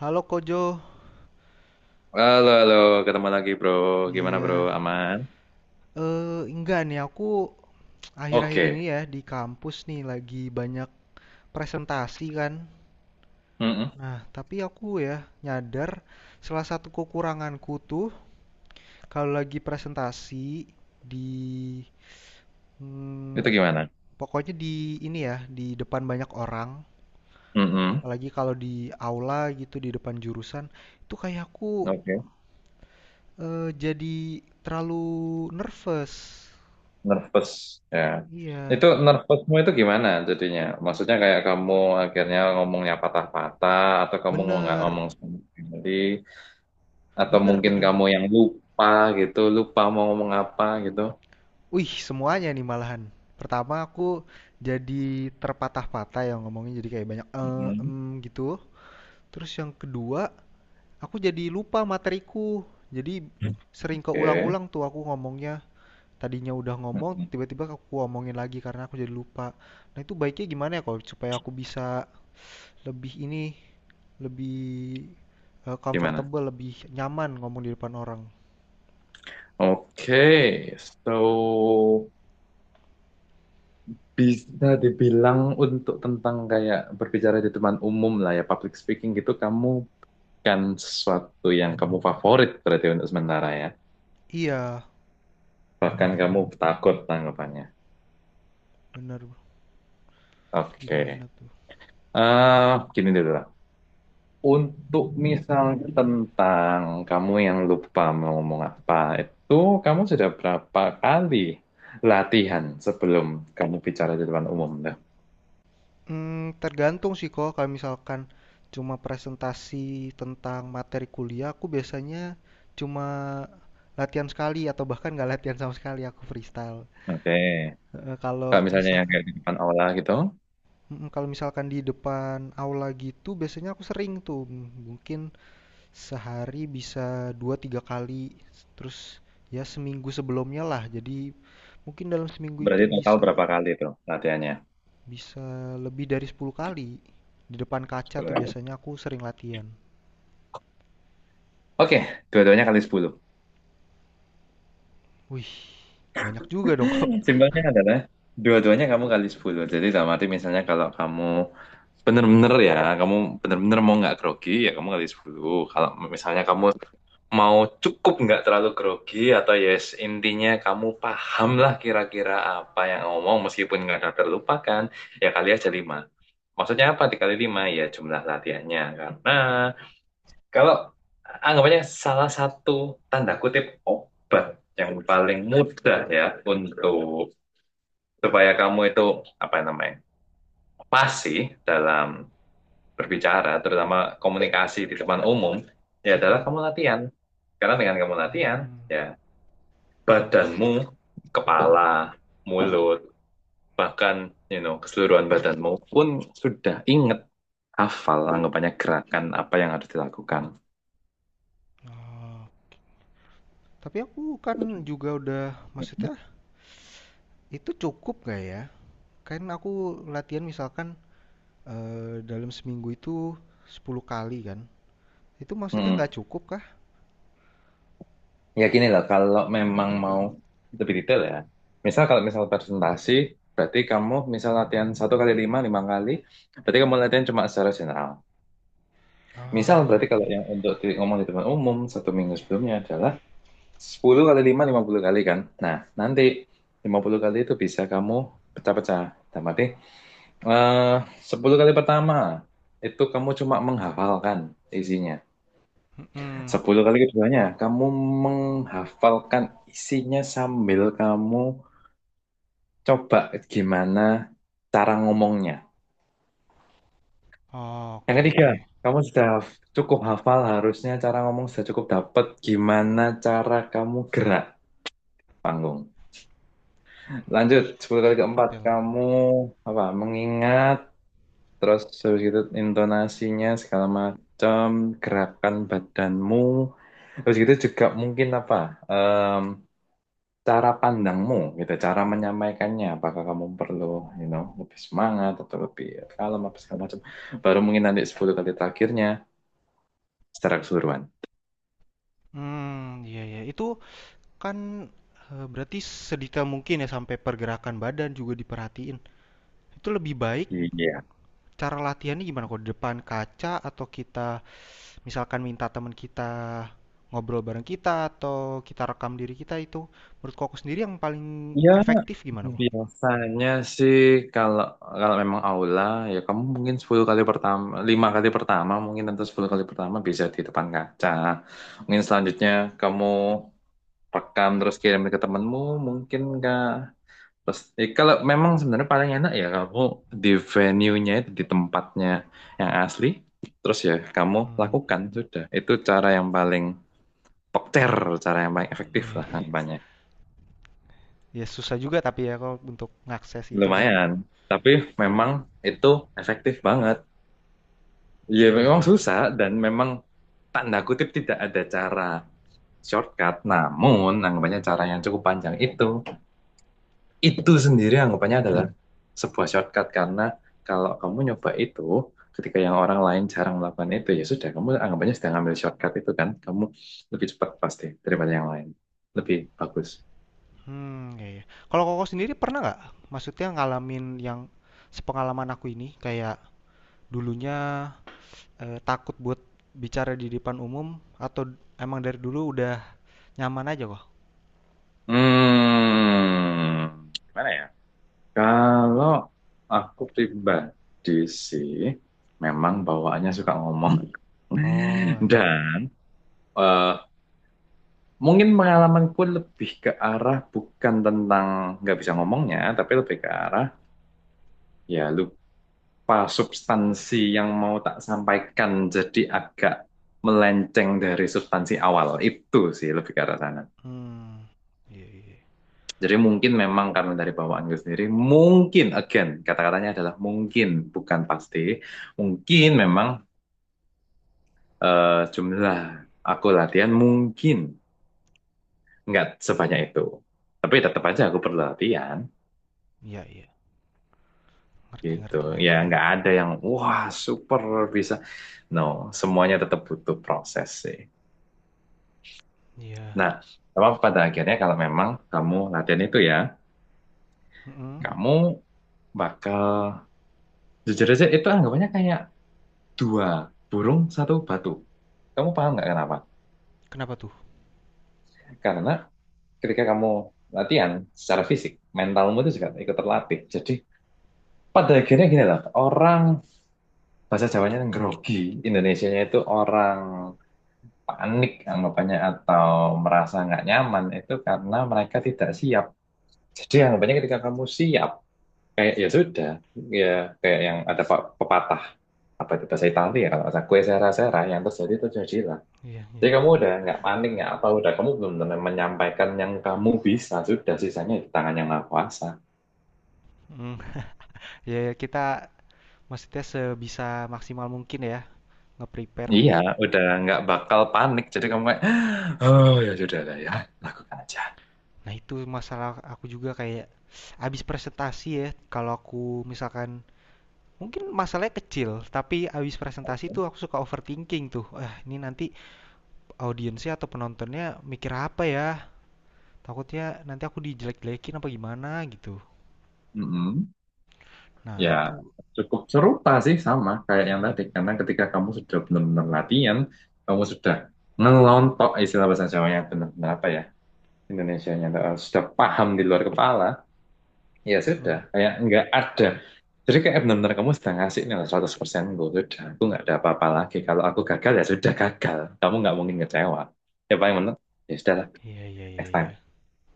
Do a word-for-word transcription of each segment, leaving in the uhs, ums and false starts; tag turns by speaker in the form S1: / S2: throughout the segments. S1: Halo Kojo,
S2: Halo, halo, ketemu lagi bro. Gimana bro?
S1: iya.
S2: Aman?
S1: Eh, enggak nih, aku akhir-akhir ini
S2: Oke.
S1: ya di kampus nih lagi banyak presentasi kan.
S2: Mm-mm.
S1: Nah, tapi aku ya nyadar salah satu kekuranganku tuh kalau lagi presentasi di
S2: Itu
S1: hmm,
S2: gimana?
S1: pokoknya di ini ya, di depan banyak orang,
S2: Mm-mm.
S1: apalagi kalau di aula gitu di depan jurusan, itu kayak aku
S2: Oke.
S1: eh, jadi terlalu nervous.
S2: Nervous. Ya.
S1: Iya,
S2: Itu nervousmu itu gimana jadinya? Maksudnya kayak kamu akhirnya ngomongnya patah-patah, atau kamu nggak
S1: bener,
S2: ngomong sama sekali, atau
S1: bener,
S2: mungkin
S1: bener.
S2: kamu yang lupa gitu, lupa mau ngomong apa gitu.
S1: Wih, semuanya nih malahan. Pertama aku jadi terpatah-patah yang ngomongnya jadi kayak banyak eh
S2: Mm-mm.
S1: em gitu. Terus yang kedua, aku jadi lupa materiku. Jadi sering
S2: Oke.
S1: keulang-ulang tuh aku ngomongnya. Tadinya udah ngomong,
S2: Mm-mm.
S1: tiba-tiba aku ngomongin lagi karena aku jadi lupa. Nah, itu baiknya gimana ya kalau supaya aku bisa lebih ini, lebih eh,
S2: Gimana?
S1: comfortable, lebih nyaman ngomong di depan orang.
S2: Oke, so bisa dibilang untuk tentang kayak berbicara di depan umum lah ya, public speaking gitu, kamu kan sesuatu yang kamu favorit berarti untuk sementara ya.
S1: Iya,
S2: Bahkan kamu takut tanggapannya.
S1: bener. Itu
S2: Oke.
S1: gimana tuh?
S2: eh Gini dulu lah. Untuk misalnya tentang kamu yang lupa mau ngomong apa, itu kamu sudah berapa kali latihan sebelum kamu bicara di depan umum? Tuh?
S1: Mmm, tergantung sih kok kalau misalkan cuma presentasi tentang materi kuliah, aku biasanya cuma latihan sekali atau bahkan nggak latihan sama sekali, aku freestyle.
S2: Oke.
S1: Heeh.
S2: Kalau
S1: kalau
S2: misalnya yang
S1: misalkan
S2: kayak di depan aula gitu.
S1: mhm, kalau misalkan di depan aula gitu biasanya aku sering tuh, m- mungkin sehari bisa dua tiga kali, terus ya seminggu sebelumnya lah, jadi mungkin dalam seminggu itu
S2: Berarti total
S1: bisa
S2: berapa kali tuh latihannya?
S1: bisa lebih dari sepuluh kali. Di depan kaca
S2: sepuluh
S1: tuh
S2: kali.
S1: biasanya aku sering latihan.
S2: Oke, dua-duanya kali sepuluh.
S1: Wih, banyak juga dong kok.
S2: Simpelnya adalah dua-duanya kamu kali sepuluh. Jadi dalam arti misalnya kalau kamu bener-bener ya, kamu bener-bener mau nggak grogi, ya kamu kali sepuluh. Kalau misalnya kamu mau cukup nggak terlalu grogi atau yes intinya kamu paham lah kira-kira apa yang ngomong meskipun nggak ada terlupakan, ya kali aja lima. Maksudnya apa dikali lima? Ya, jumlah latihannya. Karena kalau anggapannya salah satu tanda kutip obat yang paling mudah ya untuk supaya kamu itu apa namanya pasti dalam berbicara, terutama komunikasi di depan umum, ya adalah
S1: Mm-mm.
S2: kamu latihan. Karena dengan kamu latihan,
S1: Hmm,
S2: ya badanmu, kepala, mulut, bahkan you know keseluruhan badanmu pun sudah inget hafal anggapannya gerakan apa yang harus dilakukan.
S1: ah, tapi aku kan juga udah, maksudnya itu cukup gak ya? Kan aku latihan misalkan eh, dalam seminggu itu sepuluh kali kan. Itu maksudnya
S2: Hmm.
S1: nggak cukup kah?
S2: Ya gini loh, kalau memang mau lebih detail ya. Misal kalau misal presentasi, berarti kamu misal latihan satu kali lima, lima kali, berarti kamu latihan cuma secara general. Misal
S1: Ah,
S2: berarti kalau yang untuk di, ngomong di depan umum satu minggu sebelumnya adalah sepuluh kali lima, lima puluh kali kan. Nah, nanti lima puluh kali itu bisa kamu pecah-pecah. Dalam arti, eh, sepuluh kali pertama itu kamu cuma menghafalkan isinya.
S1: mm-mm.
S2: Sepuluh kali keduanya, kamu menghafalkan isinya sambil kamu coba gimana cara ngomongnya.
S1: Oh,
S2: Yang
S1: oke
S2: ketiga,
S1: oke.
S2: kamu sudah haf- cukup hafal harusnya cara ngomong sudah cukup dapat gimana cara kamu gerak panggung. Lanjut, sepuluh kali keempat,
S1: Detail.
S2: kamu apa mengingat terus terus gitu intonasinya segala macam gerakan badanmu. Terus gitu juga mungkin apa? Cara pandangmu gitu, cara menyampaikannya, apakah kamu perlu, you know, lebih semangat atau lebih kalem apa segala macam. Baru mungkin nanti sepuluh kali terakhirnya secara keseluruhan.
S1: Hmm, iya ya. Itu kan eh, berarti sedetail mungkin ya sampai pergerakan badan juga diperhatiin. Itu lebih baik
S2: Iya.
S1: cara latihannya gimana kok? Depan kaca atau kita misalkan minta teman kita ngobrol bareng kita atau kita rekam diri kita itu menurut koko sendiri yang paling
S2: Ya,
S1: efektif gimana kok?
S2: biasanya sih kalau kalau memang aula ya kamu mungkin sepuluh kali pertama, lima kali pertama mungkin atau sepuluh kali pertama bisa di depan kaca. Mungkin selanjutnya kamu rekam terus kirim ke temanmu, mungkin enggak. Terus, eh, kalau memang sebenarnya paling enak ya kamu di venue-nya itu di tempatnya yang asli, terus ya kamu
S1: Hmm.
S2: lakukan sudah. Itu cara yang paling pokter, cara yang paling efektif lah harapannya.
S1: Ya susah juga tapi ya kok untuk ngakses itu kan.
S2: Lumayan, tapi memang itu efektif banget. Ya
S1: Iya
S2: memang
S1: iya. Iya.
S2: susah dan memang tanda kutip tidak ada cara shortcut, namun anggapannya cara yang cukup panjang itu itu sendiri anggapannya adalah sebuah shortcut karena kalau kamu nyoba itu ketika yang orang lain jarang melakukan itu ya sudah kamu anggapannya sedang ambil shortcut itu kan kamu lebih cepat pasti daripada yang lain lebih bagus.
S1: Hmm, iya, iya. Kalau koko sendiri pernah nggak? Maksudnya ngalamin yang sepengalaman aku ini kayak dulunya eh, takut buat bicara di depan umum atau emang dari dulu udah nyaman aja kok?
S2: Hmm gimana ya, kalau aku pribadi sih memang bawaannya suka ngomong
S1: Oh, iya.
S2: dan eh, mungkin pengalamanku lebih ke arah bukan tentang nggak bisa ngomongnya tapi lebih ke arah. Ya, lupa substansi yang mau tak sampaikan jadi agak melenceng dari substansi awal. Itu sih lebih ke arah sana.
S1: Hmm, iya iya.
S2: Jadi mungkin memang karena dari bawaanku sendiri, mungkin, again, kata-katanya adalah mungkin, bukan pasti. Mungkin memang eh, jumlah aku latihan mungkin nggak sebanyak itu. Tapi tetap aja aku perlu latihan,
S1: Iya iya. Ngerti
S2: gitu.
S1: ngerti
S2: Ya
S1: ngerti.
S2: nggak ada yang, wah super bisa. No, semuanya tetap butuh proses sih.
S1: Iya.
S2: Nah, apa pada akhirnya kalau memang kamu latihan itu ya,
S1: Mhm.
S2: kamu bakal jujur aja itu anggapannya kayak dua burung satu batu. Kamu paham nggak kenapa?
S1: Kenapa tuh?
S2: Karena ketika kamu latihan secara fisik, mentalmu itu juga ikut terlatih. Jadi pada akhirnya gini lah, orang bahasa Jawanya yang grogi, Indonesianya itu orang panik anggapannya atau merasa nggak nyaman itu karena mereka tidak siap. Jadi anggapannya ketika kamu siap, kayak ya sudah, ya kayak yang ada pe- pepatah apa itu bahasa Italia ya kalau nggak kue sera-sera yang terjadi itu jadilah.
S1: Iya
S2: Jadi
S1: iya.
S2: kamu udah nggak panik nggak apa udah kamu belum menyampaikan yang kamu bisa sudah sisanya di tangan yang maha kuasa.
S1: Mhm. Iya iya, kita maksudnya sebisa maksimal mungkin ya nge-prepare.
S2: Iya, udah nggak bakal panik. Jadi kamu kayak, oh ya sudah lah ya, lakukan aja.
S1: Nah itu masalah aku juga kayak abis presentasi ya kalau aku misalkan mungkin masalahnya kecil tapi abis presentasi tuh aku suka overthinking tuh. Ah, ini nanti audiensnya atau penontonnya mikir apa ya? Takutnya nanti aku dijelek-jelekin apa gimana gitu.
S2: Mm-mm. Ya,
S1: Nah itu.
S2: cukup serupa sih sama kayak yang tadi. Karena ketika kamu sudah benar-benar latihan, kamu sudah ngelontok istilah bahasa Jawanya benar-benar apa ya? Indonesianya eh, sudah paham di luar kepala, ya
S1: Mhm.
S2: sudah, kayak nggak ada. Jadi kayak benar-benar kamu sudah ngasih nih seratus persen gue, sudah, aku nggak ada apa-apa lagi. Kalau aku gagal ya sudah gagal, kamu nggak mungkin kecewa. Ya paling benar, ya sudah lah,
S1: Iya iya iya
S2: next time.
S1: iya.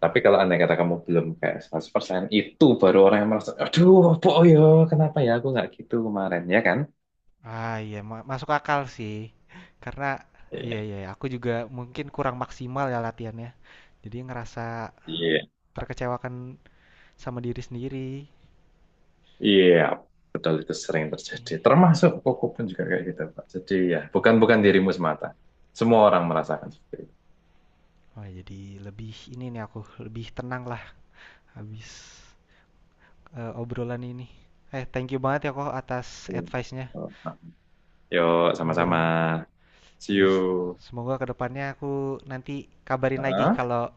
S2: Tapi kalau andai kata kamu belum kayak seratus persen, itu baru orang yang merasa, aduh, boyo, kenapa ya aku nggak gitu kemarin, ya kan?
S1: Ah, iya, ma masuk akal sih. Karena, iya
S2: Iya.
S1: iya, aku juga mungkin kurang maksimal ya latihannya. Jadi ngerasa
S2: Iya.
S1: terkecewakan sama diri sendiri.
S2: Iya, betul itu sering terjadi. Termasuk koko pun juga kayak gitu, Pak. Jadi ya, bukan bukan dirimu semata. Semua orang merasakan seperti itu.
S1: Wah, jadi lebih ini nih aku lebih tenang lah habis eh, obrolan ini. Eh, thank you banget ya kok atas
S2: Hmm.
S1: advice-nya.
S2: Oh, nah, yuk sama-sama.
S1: Ber
S2: See
S1: yes.
S2: you.
S1: Semoga kedepannya aku nanti kabarin lagi
S2: Hah?
S1: kalau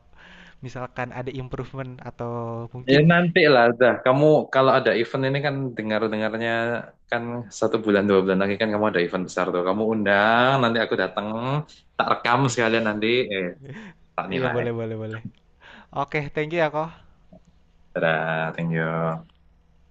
S1: misalkan ada improvement atau
S2: Ya
S1: mungkin
S2: nanti lah, dah. Kamu kalau ada event ini kan dengar-dengarnya kan satu bulan dua bulan lagi kan kamu ada event besar tuh. Kamu undang, nanti aku datang, tak rekam
S1: eh
S2: sekalian nanti, eh tak
S1: iya
S2: nilai.
S1: boleh boleh boleh. Oke, thank you ya kok.
S2: Dadah, thank you.